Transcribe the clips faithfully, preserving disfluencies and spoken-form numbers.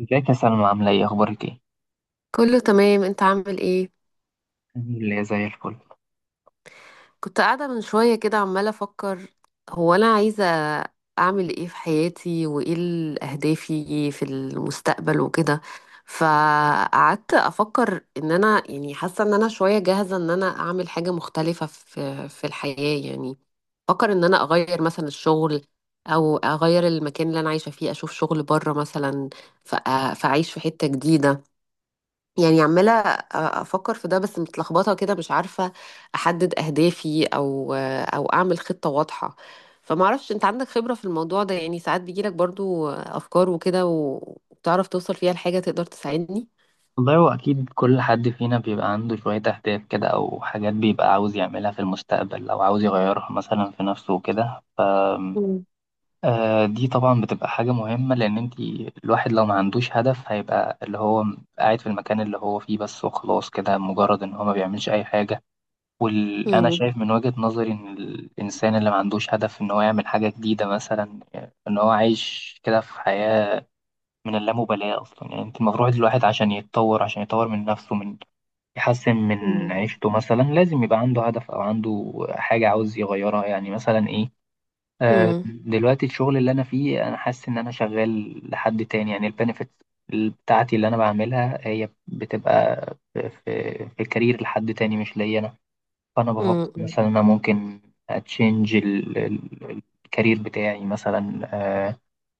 ازيك يا سلمى عاملة ايه اخبارك ايه؟ كله تمام، انت عامل ايه؟ اللي زي الفل. كنت قاعدة من شوية كده عمالة افكر، هو انا عايزة اعمل ايه في حياتي، وايه ال- اهدافي في المستقبل وكده. فقعدت افكر ان انا يعني حاسة ان انا شوية جاهزة ان انا اعمل حاجة مختلفة في في الحياة يعني. افكر ان انا اغير مثلا الشغل، او اغير المكان اللي انا عايشة فيه، اشوف شغل بره مثلا. فأ- فاعيش في حتة جديدة. يعني عمالة أفكر في ده، بس متلخبطة كده مش عارفة أحدد أهدافي أو أو أعمل خطة واضحة. فمعرفش، أنت عندك خبرة في الموضوع ده؟ يعني ساعات بيجيلك برضو أفكار وكده، وبتعرف توصل فيها لحاجة، تقدر تساعدني؟ والله هو اكيد كل حد فينا بيبقى عنده شوية اهداف كده او حاجات بيبقى عاوز يعملها في المستقبل او عاوز يغيرها مثلا في نفسه وكده. أم، مم. آه، دي طبعا بتبقى حاجة مهمة لان انت الواحد لو ما عندوش هدف هيبقى اللي هو قاعد في المكان اللي هو فيه بس وخلاص كده مجرد ان هو ما بيعملش اي حاجة. وانا مم. شايف من وجهة نظري ان الانسان اللي ما عندوش هدف ان هو يعمل حاجة جديدة مثلا، ان هو عايش كده في حياة من اللامبالاة أصلا. يعني أنت المفروض الواحد عشان يتطور، عشان يطور من نفسه، من يحسن من مم. عيشته مثلا لازم يبقى عنده هدف أو عنده حاجة عاوز يغيرها، يعني مثلا إيه. آه، مم. دلوقتي الشغل اللي أنا فيه أنا حاسس إن أنا شغال لحد تاني، يعني البنفيت بتاعتي اللي أنا بعملها هي بتبقى في, في, في كارير لحد تاني مش ليا أنا. فأنا بفكر مم. مثلا أنا ممكن أتشنج الكارير بتاعي مثلا. آه،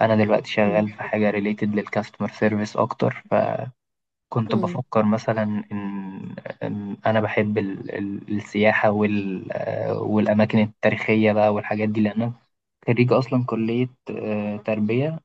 انا دلوقتي شغال مم. في حاجه ريليتد للكاستمر سيرفيس اكتر، فكنت مم. بفكر مثلا ان إن انا بحب ال- ال- السياحه وال آه، والاماكن التاريخيه بقى والحاجات دي، لان انا خريج اصلا كليه آه، تربيه،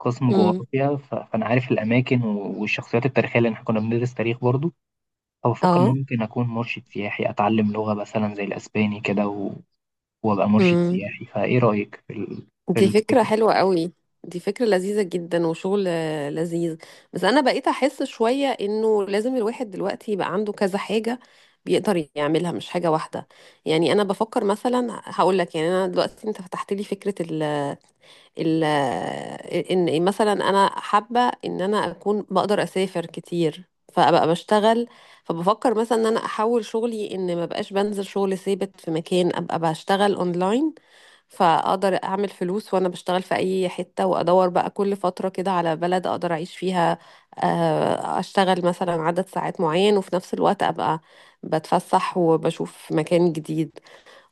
قسم مم. جغرافيا. ف- فانا عارف الاماكن و- والشخصيات التاريخيه لان احنا كنا بندرس تاريخ برضو. فبفكر ان اه، ممكن اكون مرشد سياحي، اتعلم لغه مثلا زي الاسباني كده و- وابقى مرشد سياحي. فايه رايك في ال- في دي فكرة الفكره؟ حلوة قوي. دي فكرة لذيذة جدا وشغل آه، لذيذ. بس أنا بقيت أحس شوية إنه لازم الواحد دلوقتي يبقى عنده كذا حاجة بيقدر يعملها، مش حاجة واحدة. يعني أنا بفكر مثلا هقول لك، يعني أنا دلوقتي أنت فتحت لي فكرة ال ال إن مثلا أنا حابة إن أنا أكون بقدر أسافر كتير فأبقى بشتغل. فبفكر مثلا إن أنا أحول شغلي، إن ما بقاش بنزل شغل ثابت في مكان، أبقى بشتغل أونلاين. فاقدر اعمل فلوس وانا بشتغل في اي حتة، وادور بقى كل فترة كده على بلد اقدر اعيش فيها. آه، اشتغل مثلا عدد ساعات معين، وفي نفس الوقت ابقى بتفسح وبشوف مكان جديد.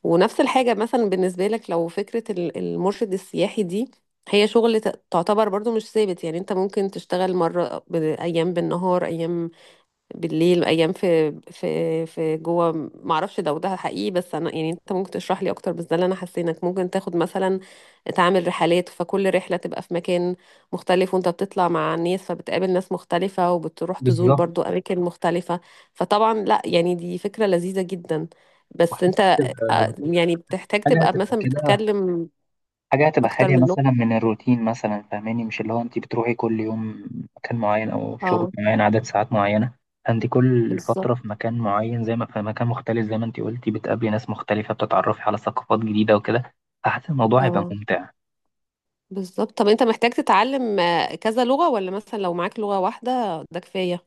ونفس الحاجة مثلا بالنسبة لك، لو فكرة ال- المرشد السياحي دي هي شغل ت- تعتبر برضو مش ثابت، يعني انت ممكن تشتغل مرة ب- ايام بالنهار ايام بالليل ايام في في في جوه. ما اعرفش ده وده حقيقي، بس انا يعني انت ممكن تشرح لي اكتر، بس ده اللي انا حسينك ممكن تاخد مثلا، تعمل رحلات، فكل رحله تبقى في مكان مختلف وانت بتطلع مع الناس، فبتقابل ناس مختلفه وبتروح تزور بالظبط، برضو اماكن مختلفه. فطبعا لا، يعني دي فكره لذيذه جدا. بس انت وحتى آه، يعني بتحتاج حاجة تبقى هتبقى مثلا كده بتتكلم حاجة هتبقى اكتر خالية من مثلا لغه. من الروتين مثلا، فاهماني؟ مش اللي هو انت بتروحي كل يوم مكان معين او شغل اه، معين عدد ساعات معينة. انت كل بالظبط. فترة في مكان معين، زي ما في مكان مختلف زي ما انت قلتي بتقابلي ناس مختلفة، بتتعرفي على ثقافات جديدة وكده. فحاسس الموضوع هيبقى اه، ممتع. بالظبط. طب انت محتاج تتعلم آه، كذا لغة، ولا مثلا لو معاك لغة واحدة ده كفاية؟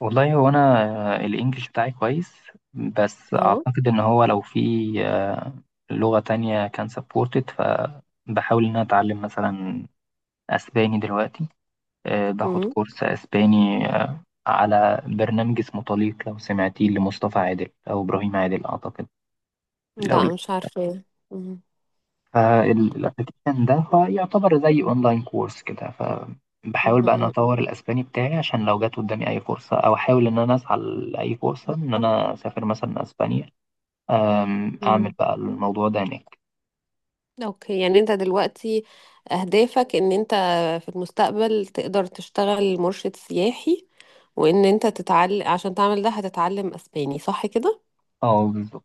والله هو انا آه، الانجليش بتاعي كويس، بس اه. اعتقد ان هو لو في آه، لغة تانية كان سبورتد. فبحاول ان انا اتعلم مثلا اسباني دلوقتي. آه، باخد امم كورس اسباني آه، على برنامج اسمه طليق، لو سمعتيه، لمصطفى عادل او ابراهيم عادل اعتقد. لو لا، مش عارفة. مم. فالابلكيشن ده هو يعتبر زي اونلاين كورس كده، مم. فبحاول بقى ان أنا مم. اطور الاسباني بتاعي عشان لو جت قدامي اي فرصه، او احاول ان انا اسعى لاي فرصه ان انا اسافر مثلا اسبانيا. آم، اعمل مم. بقى الموضوع ده هناك. اوكي، يعني انت دلوقتي اهدافك ان انت في المستقبل تقدر تشتغل مرشد سياحي، وان انت تتعلم عشان تعمل ده هتتعلم اسباني، صح كده؟ اه بالظبط.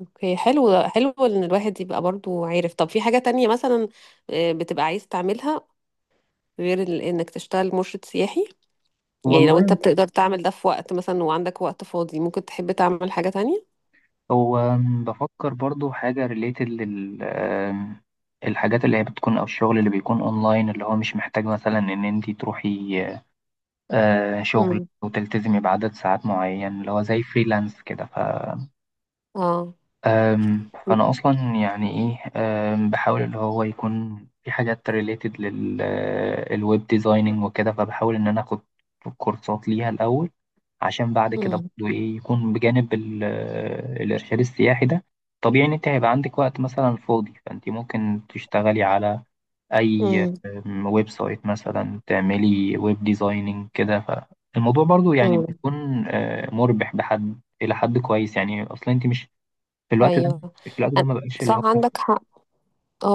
اوكي، حلو حلو ان الواحد يبقى برضو عارف. طب في حاجة تانية مثلا آه، بتبقى عايز تعملها غير ال- انك تشتغل مرشد سياحي؟ يعني لو انت والله بتقدر تعمل ده في وقت مثلا، وعندك وقت فاضي ممكن تحب تعمل حاجة تانية. هو أم، بفكر برضو حاجة ريليتد لل أم، الحاجات اللي هي بتكون أو الشغل اللي بيكون أونلاين، اللي هو مش محتاج مثلا إن أنتي تروحي آه، شغل امم. وتلتزمي بعدد ساعات معين، اللي هو زي فريلانس كده. ف اه. أم، فأنا أصلا يعني إيه، أم، بحاول اللي هو يكون في حاجات ريليتد للويب ديزايننج وكده. فبحاول إن أنا آخد كورسات ليها الأول عشان بعد كده امم. برضه ايه يكون بجانب ال- آه، الارشاد السياحي ده. طبيعي ان انت هيبقى عندك وقت مثلا فاضي، فانت ممكن تشتغلي على اي امم. أم، ويب سايت مثلا، تعملي ويب ديزايننج كده. فالموضوع برضو يعني امم. بيكون آه، مربح بحد الى حد كويس، يعني اصلا انت مش في الوقت ده ايوه. في الوقت أن- ده ما بقاش اللي صح، هو عندك حق.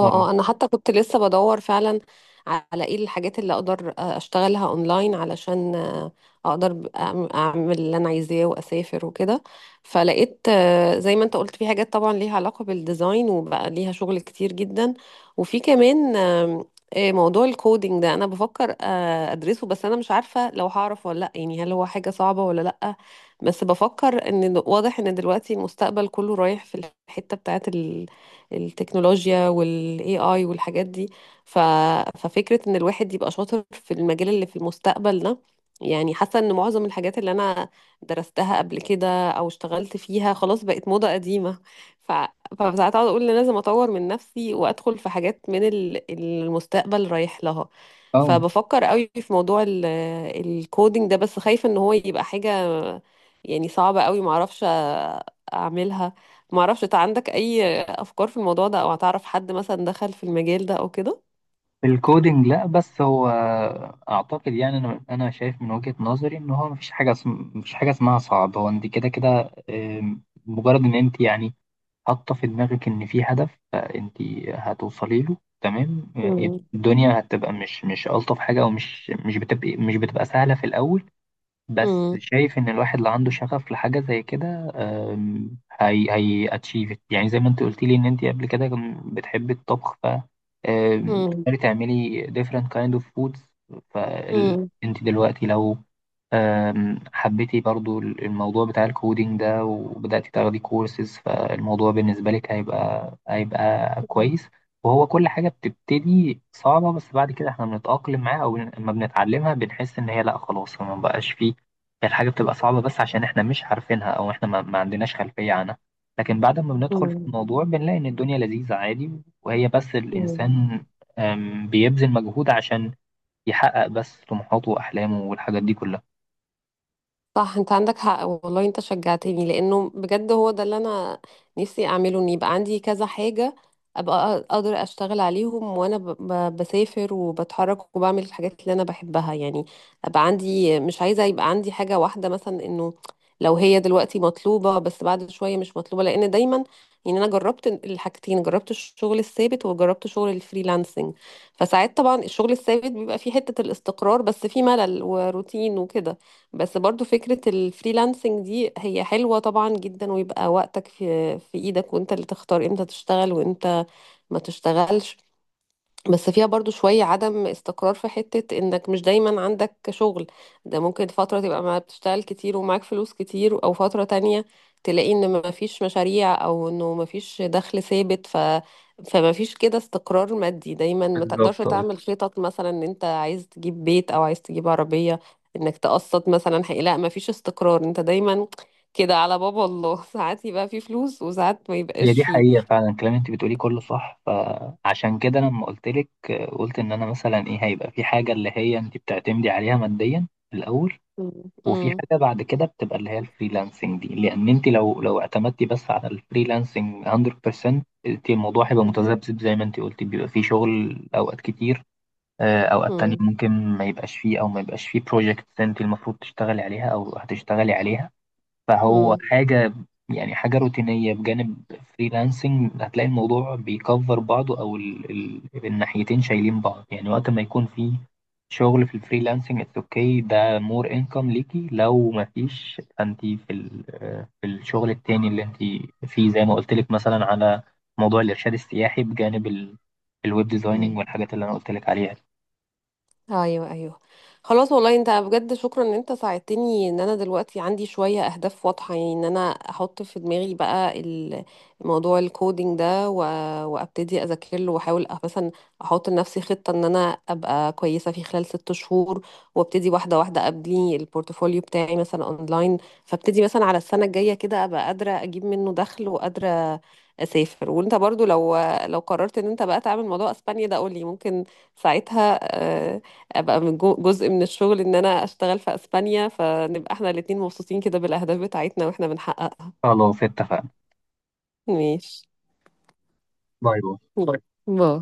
اه اه، انا حتى كنت لسه بدور فعلا على ايه الحاجات اللي اقدر آه، اشتغلها اونلاين، علشان آه، اقدر ب- أعم- اعمل اللي انا عايزاه واسافر وكده. فلقيت آه، زي ما انت قلت في حاجات طبعا ليها علاقة بالديزاين وبقى ليها شغل كتير جدا. وفي كمان آم، آه، موضوع الكودينج ده، انا بفكر آه، ادرسه، بس انا مش عارفة لو هعرف ولا لا، يعني هل هو حاجة صعبة ولا لا. بس بفكر ان واضح ان دلوقتي المستقبل كله رايح في الحتة بتاعت التكنولوجيا والاي اي والحاجات دي. ف... ففكرة ان الواحد يبقى شاطر في المجال اللي في المستقبل ده، يعني حاسة ان معظم الحاجات اللي انا درستها قبل كده او اشتغلت فيها خلاص بقت موضة قديمة. ف... فساعات اقعد اقول إن لازم اطور من نفسي وادخل في حاجات من ال- المستقبل رايح لها. اه. فبفكر قوي في موضوع ال- الكودينج ده، بس خايفة ان هو يبقى حاجة يعني صعبة قوي معرفش اعملها. معرفش، انت عندك اي افكار في الموضوع ده، او هتعرف حد مثلا دخل في المجال ده او كده؟ الكودينج لا، بس هو اعتقد، يعني انا انا شايف من وجهة نظري ان هو مفيش حاجه اسم... مفيش حاجه اسمها صعب. هو انت كده كده آم، مجرد ان انت يعني حاطه في دماغك ان في هدف فانت هتوصلي له تمام. آه، مم. الدنيا هتبقى مش مش الطف حاجه، او مش مش بتبقى مش بتبقى سهله في الاول، بس مم. شايف ان الواحد اللي عنده شغف لحاجه زي كده. أم، هي هي اتشيفت، يعني زي ما انت قلت لي ان انت قبل كده كم- بتحبي الطبخ. ف أم، مم. بتقدري تعملي different kind of foods. مم. فانت دلوقتي لو أم، حبيتي برضو الموضوع بتاع الكودينج ده وبدأتي تاخدي كورسز، فالموضوع بالنسبة لك هيبقى هيبقى كويس. وهو كل حاجة بتبتدي صعبة، بس بعد كده احنا بنتأقلم معاها أو لما بنتعلمها بنحس إن هي لأ خلاص ما بقاش فيه. الحاجة بتبقى صعبة بس عشان احنا مش عارفينها او احنا ما, ما عندناش خلفية عنها، لكن بعد ما بندخل في مم. الموضوع بنلاقي ان الدنيا لذيذة عادي. وهي بس مم. الانسان أم، بيبذل مجهود عشان يحقق بس طموحاته واحلامه والحاجات دي كلها. صح، انت عندك حق والله، انت شجعتني لانه بجد هو ده اللي انا نفسي اعمله، ان يبقى عندي كذا حاجة ابقى اقدر اشتغل عليهم وانا ب- ب- بسافر وبتحرك وبعمل الحاجات اللي انا بحبها يعني. ابقى عندي، مش عايزة يبقى عندي حاجة واحدة مثلا، انه لو هي دلوقتي مطلوبة بس بعد شوية مش مطلوبة، لان دايما يعني انا جربت الحاجتين، جربت الشغل الثابت وجربت شغل الفريلانسنج. فساعات طبعا الشغل الثابت بيبقى فيه حتة الاستقرار، بس فيه ملل وروتين وكده. بس برضو فكرة الفريلانسنج دي هي حلوة طبعا جدا، ويبقى وقتك في في ايدك، وانت اللي تختار امتى تشتغل وامتى ما تشتغلش. بس فيها برضو شوية عدم استقرار في حتة انك مش دايما عندك شغل، ده ممكن فترة تبقى ما بتشتغل كتير ومعاك فلوس كتير، او فترة تانية تلاقي ان ما فيش مشاريع، او انه ما فيش دخل ثابت. ف فما فيش كده استقرار مادي، دايما ما تقدرش بالظبط آه. تعمل خطط مثلا ان انت عايز تجيب بيت او عايز تجيب عربية، انك تقسط مثلا. حقيقة لا، ما فيش استقرار، انت دايما كده على باب الله ساعات يبقى في فلوس وساعات ما هي يبقاش دي فيه. حقيقة فعلا، الكلام اللي انت بتقوليه كله صح. فعشان كده لما قلت لك آه، قلت ان انا مثلا ايه هيبقى في حاجة اللي هي انت بتعتمدي عليها ماديا في الاول، وفي مم. حاجة بعد كده بتبقى اللي هي الفريلانسنج دي. لأن أنت لو لو اعتمدتي بس على الفريلانسنج مية في المية، أنت الموضوع هيبقى متذبذب زي ما أنت قلتي. بيبقى فيه شغل أوقات كتير، آه، أوقات تانية مم. ممكن ما يبقاش فيه، أو ما يبقاش فيه بروجكت أنت المفروض تشتغلي عليها أو هتشتغلي عليها. فهو مم. حاجة، يعني حاجة روتينية بجانب فريلانسنج، هتلاقي الموضوع بيكفر بعضه، أو ال ال الناحيتين شايلين بعض. يعني وقت ما يكون في شغل في الفريلانسنج اتس اوكي، ده مور انكم ليكي. لو ما فيش فانت في ال في الشغل التاني اللي انت فيه، زي ما قلت لك مثلا، على موضوع الإرشاد السياحي بجانب ال الويب ديزايننج مم. والحاجات اللي انا قلت لك عليها. ايوه، ايوه. خلاص، والله انت بجد شكرا ان انت ساعدتني، ان انا دلوقتي عندي شويه اهداف واضحه، يعني ان انا احط في دماغي بقى ال- موضوع الكودينج ده و... وابتدي اذاكر له، واحاول أ- مثلا احط لنفسي خطه ان انا ابقى كويسه في خلال ست شهور، وابتدي واحده واحده ابني البورتفوليو بتاعي مثلا اونلاين. فابتدي مثلا على السنه الجايه كده ابقى قادره اجيب منه دخل وقادره اسافر. وانت برضو لو لو قررت ان انت بقى تعمل موضوع اسبانيا ده قولي، ممكن ساعتها آه، ابقى من جو- جزء من الشغل ان انا اشتغل في اسبانيا، فنبقى احنا الاتنين مبسوطين كده بالاهداف بتاعتنا واحنا بنحققها. خلاص اتفقنا. ماشي. باي باي. باي. باي.